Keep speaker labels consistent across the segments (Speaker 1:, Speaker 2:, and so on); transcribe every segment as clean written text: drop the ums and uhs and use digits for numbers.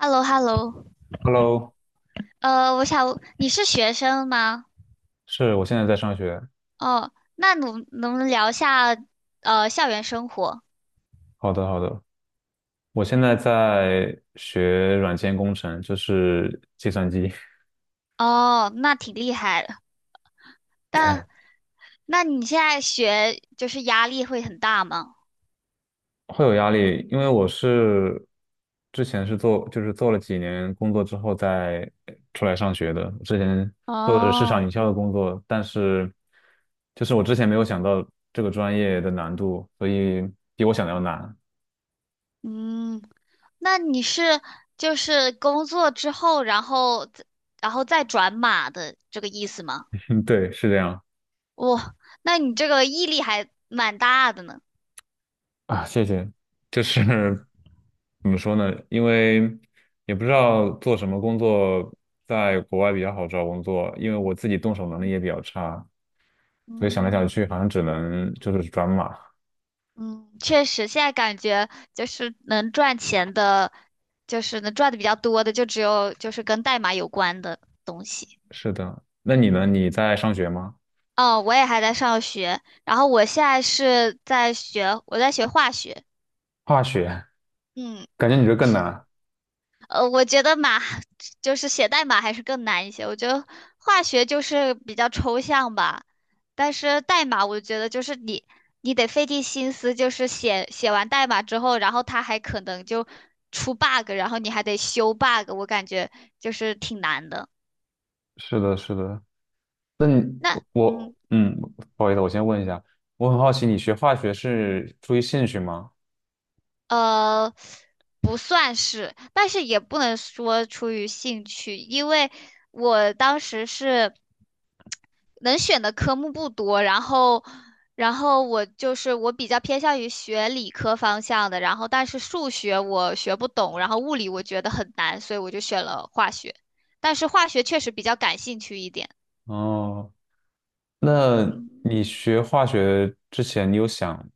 Speaker 1: h e l l o
Speaker 2: Hello，
Speaker 1: 我想你是学生吗？
Speaker 2: 是我现在在上学。
Speaker 1: 哦，那能不能聊一下校园生活？
Speaker 2: 好的，好的，我现在在学软件工程，就是计算机，
Speaker 1: 哦，那挺厉害的。但那你现在学就是压力会很大吗？
Speaker 2: 会有压力，因为我是之前是做，就是做了几年工作之后再出来上学的。之前做的是市场
Speaker 1: 哦，
Speaker 2: 营销的工作，但是就是我之前没有想到这个专业的难度，所以比我想的要难。
Speaker 1: 嗯，那你是就是工作之后，然后再转码的这个意思吗？
Speaker 2: 对，是这样。
Speaker 1: 哇，那你这个毅力还蛮大的呢。
Speaker 2: 啊，谢谢。就是怎么说呢？因为也不知道做什么工作在国外比较好找工作，因为我自己动手能力也比较差，所以想来
Speaker 1: 嗯。
Speaker 2: 想去，好像只能就是转码。
Speaker 1: 嗯，确实，现在感觉就是能赚钱的，就是能赚的比较多的，就只有就是跟代码有关的东西。
Speaker 2: 是的，那你呢？你在上学吗？
Speaker 1: 哦，我也还在上学，然后我现在是在学，我在学化学。
Speaker 2: 化学，
Speaker 1: 嗯。
Speaker 2: 感觉你这更
Speaker 1: 是。
Speaker 2: 难。
Speaker 1: 我觉得就是写代码还是更难一些。我觉得化学就是比较抽象吧，但是代码我觉得就是你得费尽心思，就是写完代码之后，然后它还可能就出 bug，然后你还得修 bug，我感觉就是挺难的。
Speaker 2: 是的，是的。那你
Speaker 1: 那
Speaker 2: 我不好意思，我先问一下，我很好奇，你学化学是出于兴趣吗？
Speaker 1: 呃不算是，但是也不能说出于兴趣，因为我当时是。能选的科目不多，然后我就是我比较偏向于学理科方向的，然后但是数学我学不懂，然后物理我觉得很难，所以我就选了化学，但是化学确实比较感兴趣一点。
Speaker 2: 哦，那你学化学之前，你有想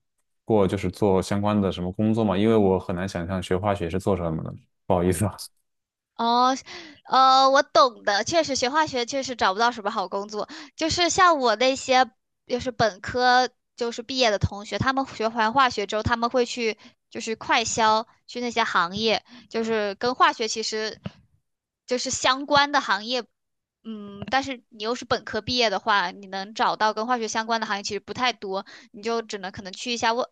Speaker 2: 过就是做相关的什么工作吗？因为我很难想象学化学是做什么的，不好意思啊。
Speaker 1: 哦，我懂的，确实学化学确实找不到什么好工作，就是像我那些就是本科就是毕业的同学，他们学完化学之后，他们会去就是快销，去那些行业，就是跟化学其实就是相关的行业，嗯，但是你又是本科毕业的话，你能找到跟化学相关的行业其实不太多，你就只能可能去一下外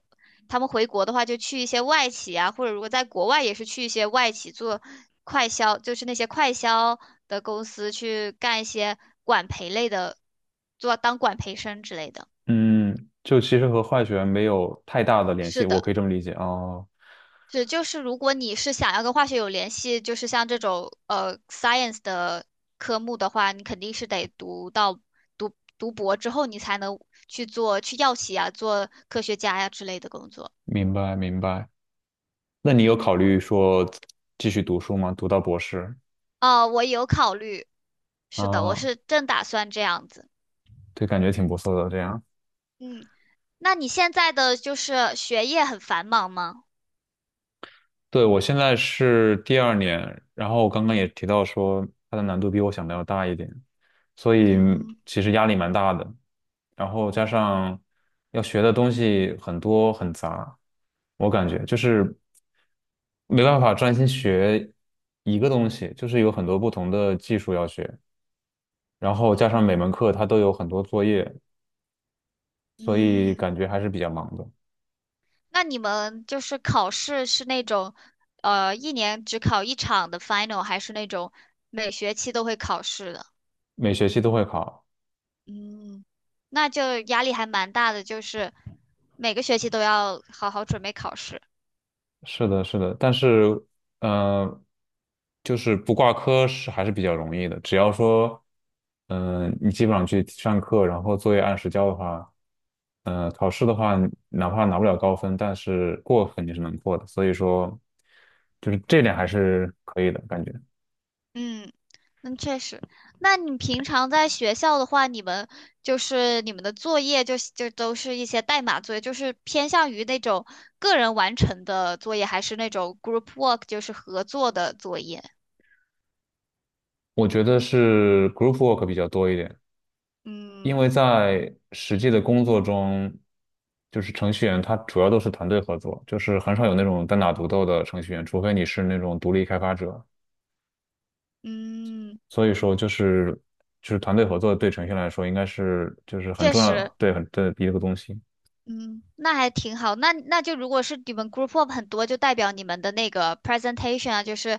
Speaker 1: 他们回国的话，就去一些外企啊，或者如果在国外也是去一些外企做快销，就是那些快销的公司去干一些管培类的，做当管培生之类的。
Speaker 2: 嗯，就其实和化学没有太大的联
Speaker 1: 是
Speaker 2: 系，我
Speaker 1: 的，
Speaker 2: 可以这么理解哦。
Speaker 1: 是就是如果你是想要跟化学有联系，就是像这种science 的科目的话，你肯定是得读到读读博之后，你才能去药企啊，做科学家呀、之类的工作。
Speaker 2: 明白，明白。那你有考虑说继续读书吗？读到博士
Speaker 1: 哦，我有考虑，是的，我
Speaker 2: 啊，
Speaker 1: 是正打算这样子。
Speaker 2: 对，感觉挺不错的这样。
Speaker 1: 嗯，那你现在的就是学业很繁忙吗？
Speaker 2: 对，我现在是第2年，然后我刚刚也提到说它的难度比我想的要大一点，所以
Speaker 1: 嗯
Speaker 2: 其实压力蛮大的。然后加上要学的东西很多很杂，我感觉就是没办法专心学一个东西，就是有很多不同的技术要学，然后加上每
Speaker 1: 嗯，
Speaker 2: 门课它都有很多作业，所以
Speaker 1: 嗯，
Speaker 2: 感觉还是比较忙的，
Speaker 1: 那你们就是考试是那种，一年只考一场的 final，还是那种每学期都会考试的？
Speaker 2: 每学期都会考。
Speaker 1: 嗯，那就压力还蛮大的，就是每个学期都要好好准备考试。
Speaker 2: 是的，是的，但是，呃，就是不挂科是还是比较容易的，只要说，你基本上去上课，然后作业按时交的话，考试的话，哪怕拿不了高分，但是过肯定是能过的，所以说，就是这点还是可以的感觉。
Speaker 1: 嗯，那确实。那你平常在学校的话，你们就是你们的作业就都是一些代码作业，就是偏向于那种个人完成的作业，还是那种 group work，就是合作的作业？
Speaker 2: 我觉得是 group work 比较多一点，因
Speaker 1: 嗯
Speaker 2: 为在实际的工作中，就是程序员他主要都是团队合作，就是很少有那种单打独斗的程序员，除非你是那种独立开发者。
Speaker 1: 嗯，
Speaker 2: 所以说，就是团队合作对程序员来说应该是就是很
Speaker 1: 确
Speaker 2: 重要，
Speaker 1: 实，
Speaker 2: 对很对的一个东西。
Speaker 1: 嗯，那还挺好。那就如果是你们 group work 很多，就代表你们的那个 presentation 啊，就是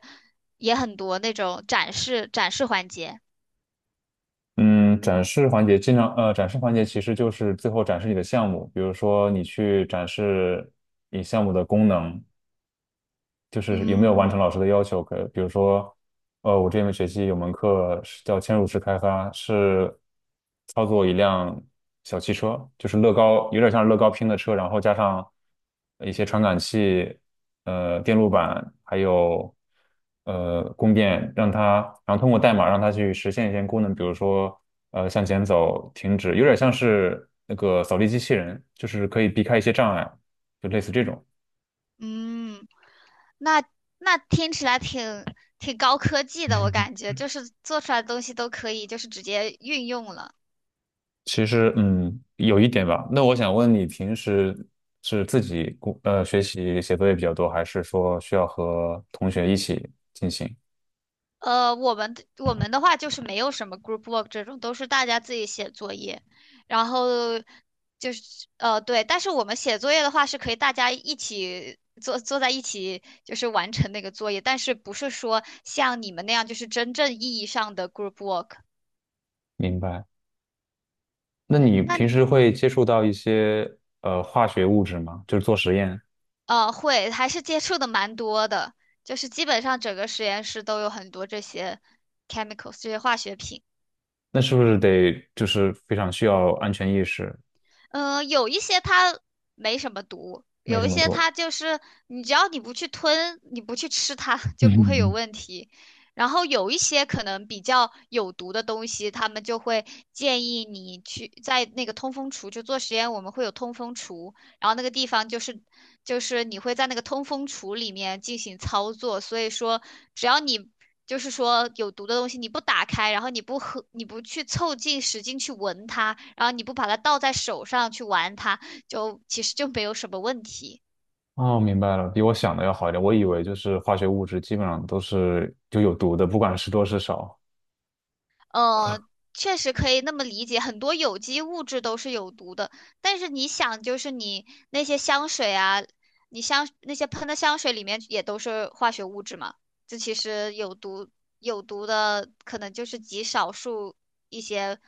Speaker 1: 也很多那种展示环节。
Speaker 2: 嗯，展示环节其实就是最后展示你的项目，比如说你去展示你项目的功能，就是有没有完成
Speaker 1: 嗯
Speaker 2: 老师的要求？可比如说，我这门学期有门课是叫嵌入式开发，是操作一辆小汽车，就是乐高，有点像乐高拼的车，然后加上一些传感器、电路板，还有供电，让它，然后通过代码让它去实现一些功能，比如说向前走、停止，有点像是那个扫地机器人，就是可以避开一些障碍，就类似这种。
Speaker 1: 嗯。那那听起来挺高科技的，我感觉就是做出来的东西都可以，就是直接运用了。
Speaker 2: 其实，嗯，有一点吧。那我想问你，平时是自己学习写作业比较多，还是说需要和同学一起进行？
Speaker 1: 我们的话就是没有什么 group work 这种，都是大家自己写作业，然后就是对，但是我们写作业的话是可以大家一起坐在一起，就是完成那个作业，但是不是说像你们那样就是真正意义上的 group work。
Speaker 2: 明白。那你
Speaker 1: 那
Speaker 2: 平时会接触到一些化学物质吗？就是做实验，
Speaker 1: 会，还是接触的蛮多的，就是基本上整个实验室都有很多这些 chemicals 这些化学品。
Speaker 2: 那是不是得就是非常需要安全意识，
Speaker 1: 嗯，有一些它没什么毒，
Speaker 2: 没
Speaker 1: 有
Speaker 2: 什
Speaker 1: 一
Speaker 2: 么
Speaker 1: 些
Speaker 2: 多？
Speaker 1: 它就是你只要你不去吞，你不去吃它 就不会有
Speaker 2: 嗯，
Speaker 1: 问题。然后有一些可能比较有毒的东西，他们就会建议你去在那个通风橱，就做实验，我们会有通风橱，然后那个地方就是你会在那个通风橱里面进行操作，所以说只要你就是说有毒的东西你不打开，然后你不喝，你不去凑近使劲去闻它，然后你不把它倒在手上去玩它，就其实就没有什么问题。
Speaker 2: 哦，明白了，比我想的要好一点。我以为就是化学物质基本上都是就有毒的，不管是多是少。
Speaker 1: 呃，确实可以那么理解，很多有机物质都是有毒的，但是你想，就是你那些香水啊，你香那些喷的香水里面也都是化学物质嘛，这其实有毒的可能就是极少数一些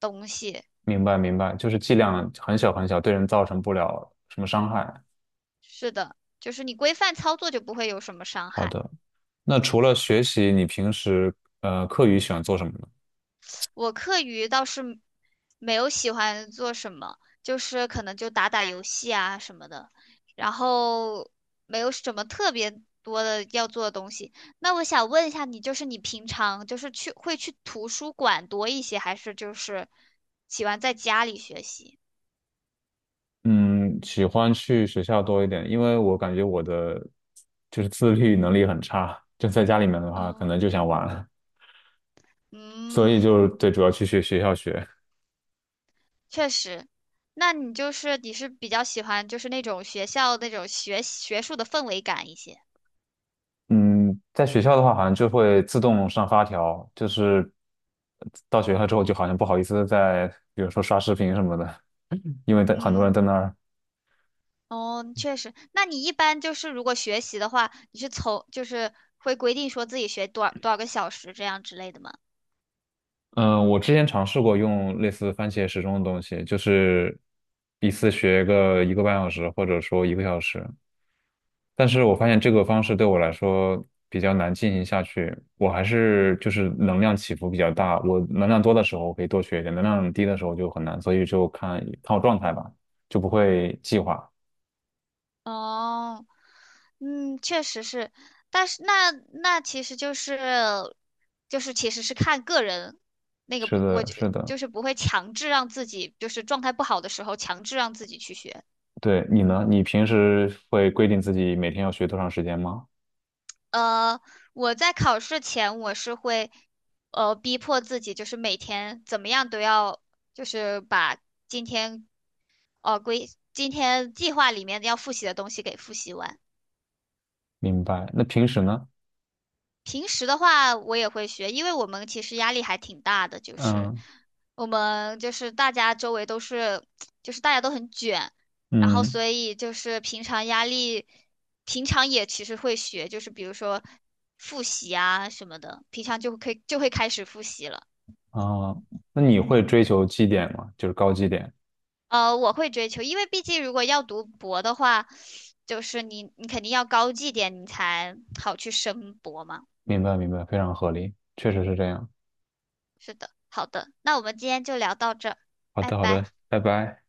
Speaker 1: 东西。
Speaker 2: 明白明白，就是剂量很小很小，对人造成不了什么伤害。
Speaker 1: 是的，就是你规范操作就不会有什么伤
Speaker 2: 好
Speaker 1: 害。
Speaker 2: 的，那除了学习，你平时课余喜欢做什么呢？
Speaker 1: 我课余倒是没有喜欢做什么，就是可能就打打游戏啊什么的，然后没有什么特别多的要做的东西。那我想问一下你，就是你平常就是去会去图书馆多一些，还是就是喜欢在家里学习？
Speaker 2: 嗯，喜欢去学校多一点，因为我感觉我的就是自律能力很差，就在家里面的话，可
Speaker 1: 嗯，
Speaker 2: 能就想玩了。所以
Speaker 1: 嗯，
Speaker 2: 就对，主要去学校学。
Speaker 1: 确实。那你是比较喜欢就是那种学校那种学术的氛围感一些。
Speaker 2: 嗯，在学校的话，好像就会自动上发条，就是到学校之后，就好像不好意思再，比如说刷视频什么的，因为在很多人
Speaker 1: 嗯，
Speaker 2: 在那儿。
Speaker 1: 哦，确实。那你一般就是如果学习的话，你是从就是会规定说自己学多少多少个小时这样之类的吗？
Speaker 2: 嗯，我之前尝试过用类似番茄时钟的东西，就是一次学个1个半小时，或者说1个小时。但是我发现这个方式对我来说比较难进行下去，我还是就是能量起伏比较大。我能量多的时候我可以多学一点，能量低的时候就很难，所以就看看我状态吧，就不会计划。
Speaker 1: 哦，嗯，确实是。但是那其实就是其实是看个人那个
Speaker 2: 是
Speaker 1: 不，我
Speaker 2: 的，
Speaker 1: 就
Speaker 2: 是的，
Speaker 1: 就是不会强制让自己就是状态不好的时候强制让自己去学。
Speaker 2: 对，你呢？你平时会规定自己每天要学多长时间吗？
Speaker 1: 呃，我在考试前我是会，逼迫自己，就是每天怎么样都要，就是把今天，呃，规，今天计划里面要复习的东西给复习完。
Speaker 2: 明白。那平时呢？
Speaker 1: 平时的话，我也会学，因为我们其实压力还挺大的，就是
Speaker 2: 嗯
Speaker 1: 我们就是大家周围都是，就是大家都很卷，然后
Speaker 2: 嗯。
Speaker 1: 所以就是平常压力，平常也其实会学，就是比如说复习啊什么的，平常就可以就会开始复习了。
Speaker 2: 啊，那你会追求绩点吗？就是高绩点。
Speaker 1: 我会追求，因为毕竟如果要读博的话，就是你肯定要高绩点，你才好去升博嘛。
Speaker 2: 明白，明白，非常合理，确实是这样。
Speaker 1: 是的，好的，那我们今天就聊到这儿，
Speaker 2: 好
Speaker 1: 拜
Speaker 2: 的，好的，
Speaker 1: 拜。
Speaker 2: 拜拜。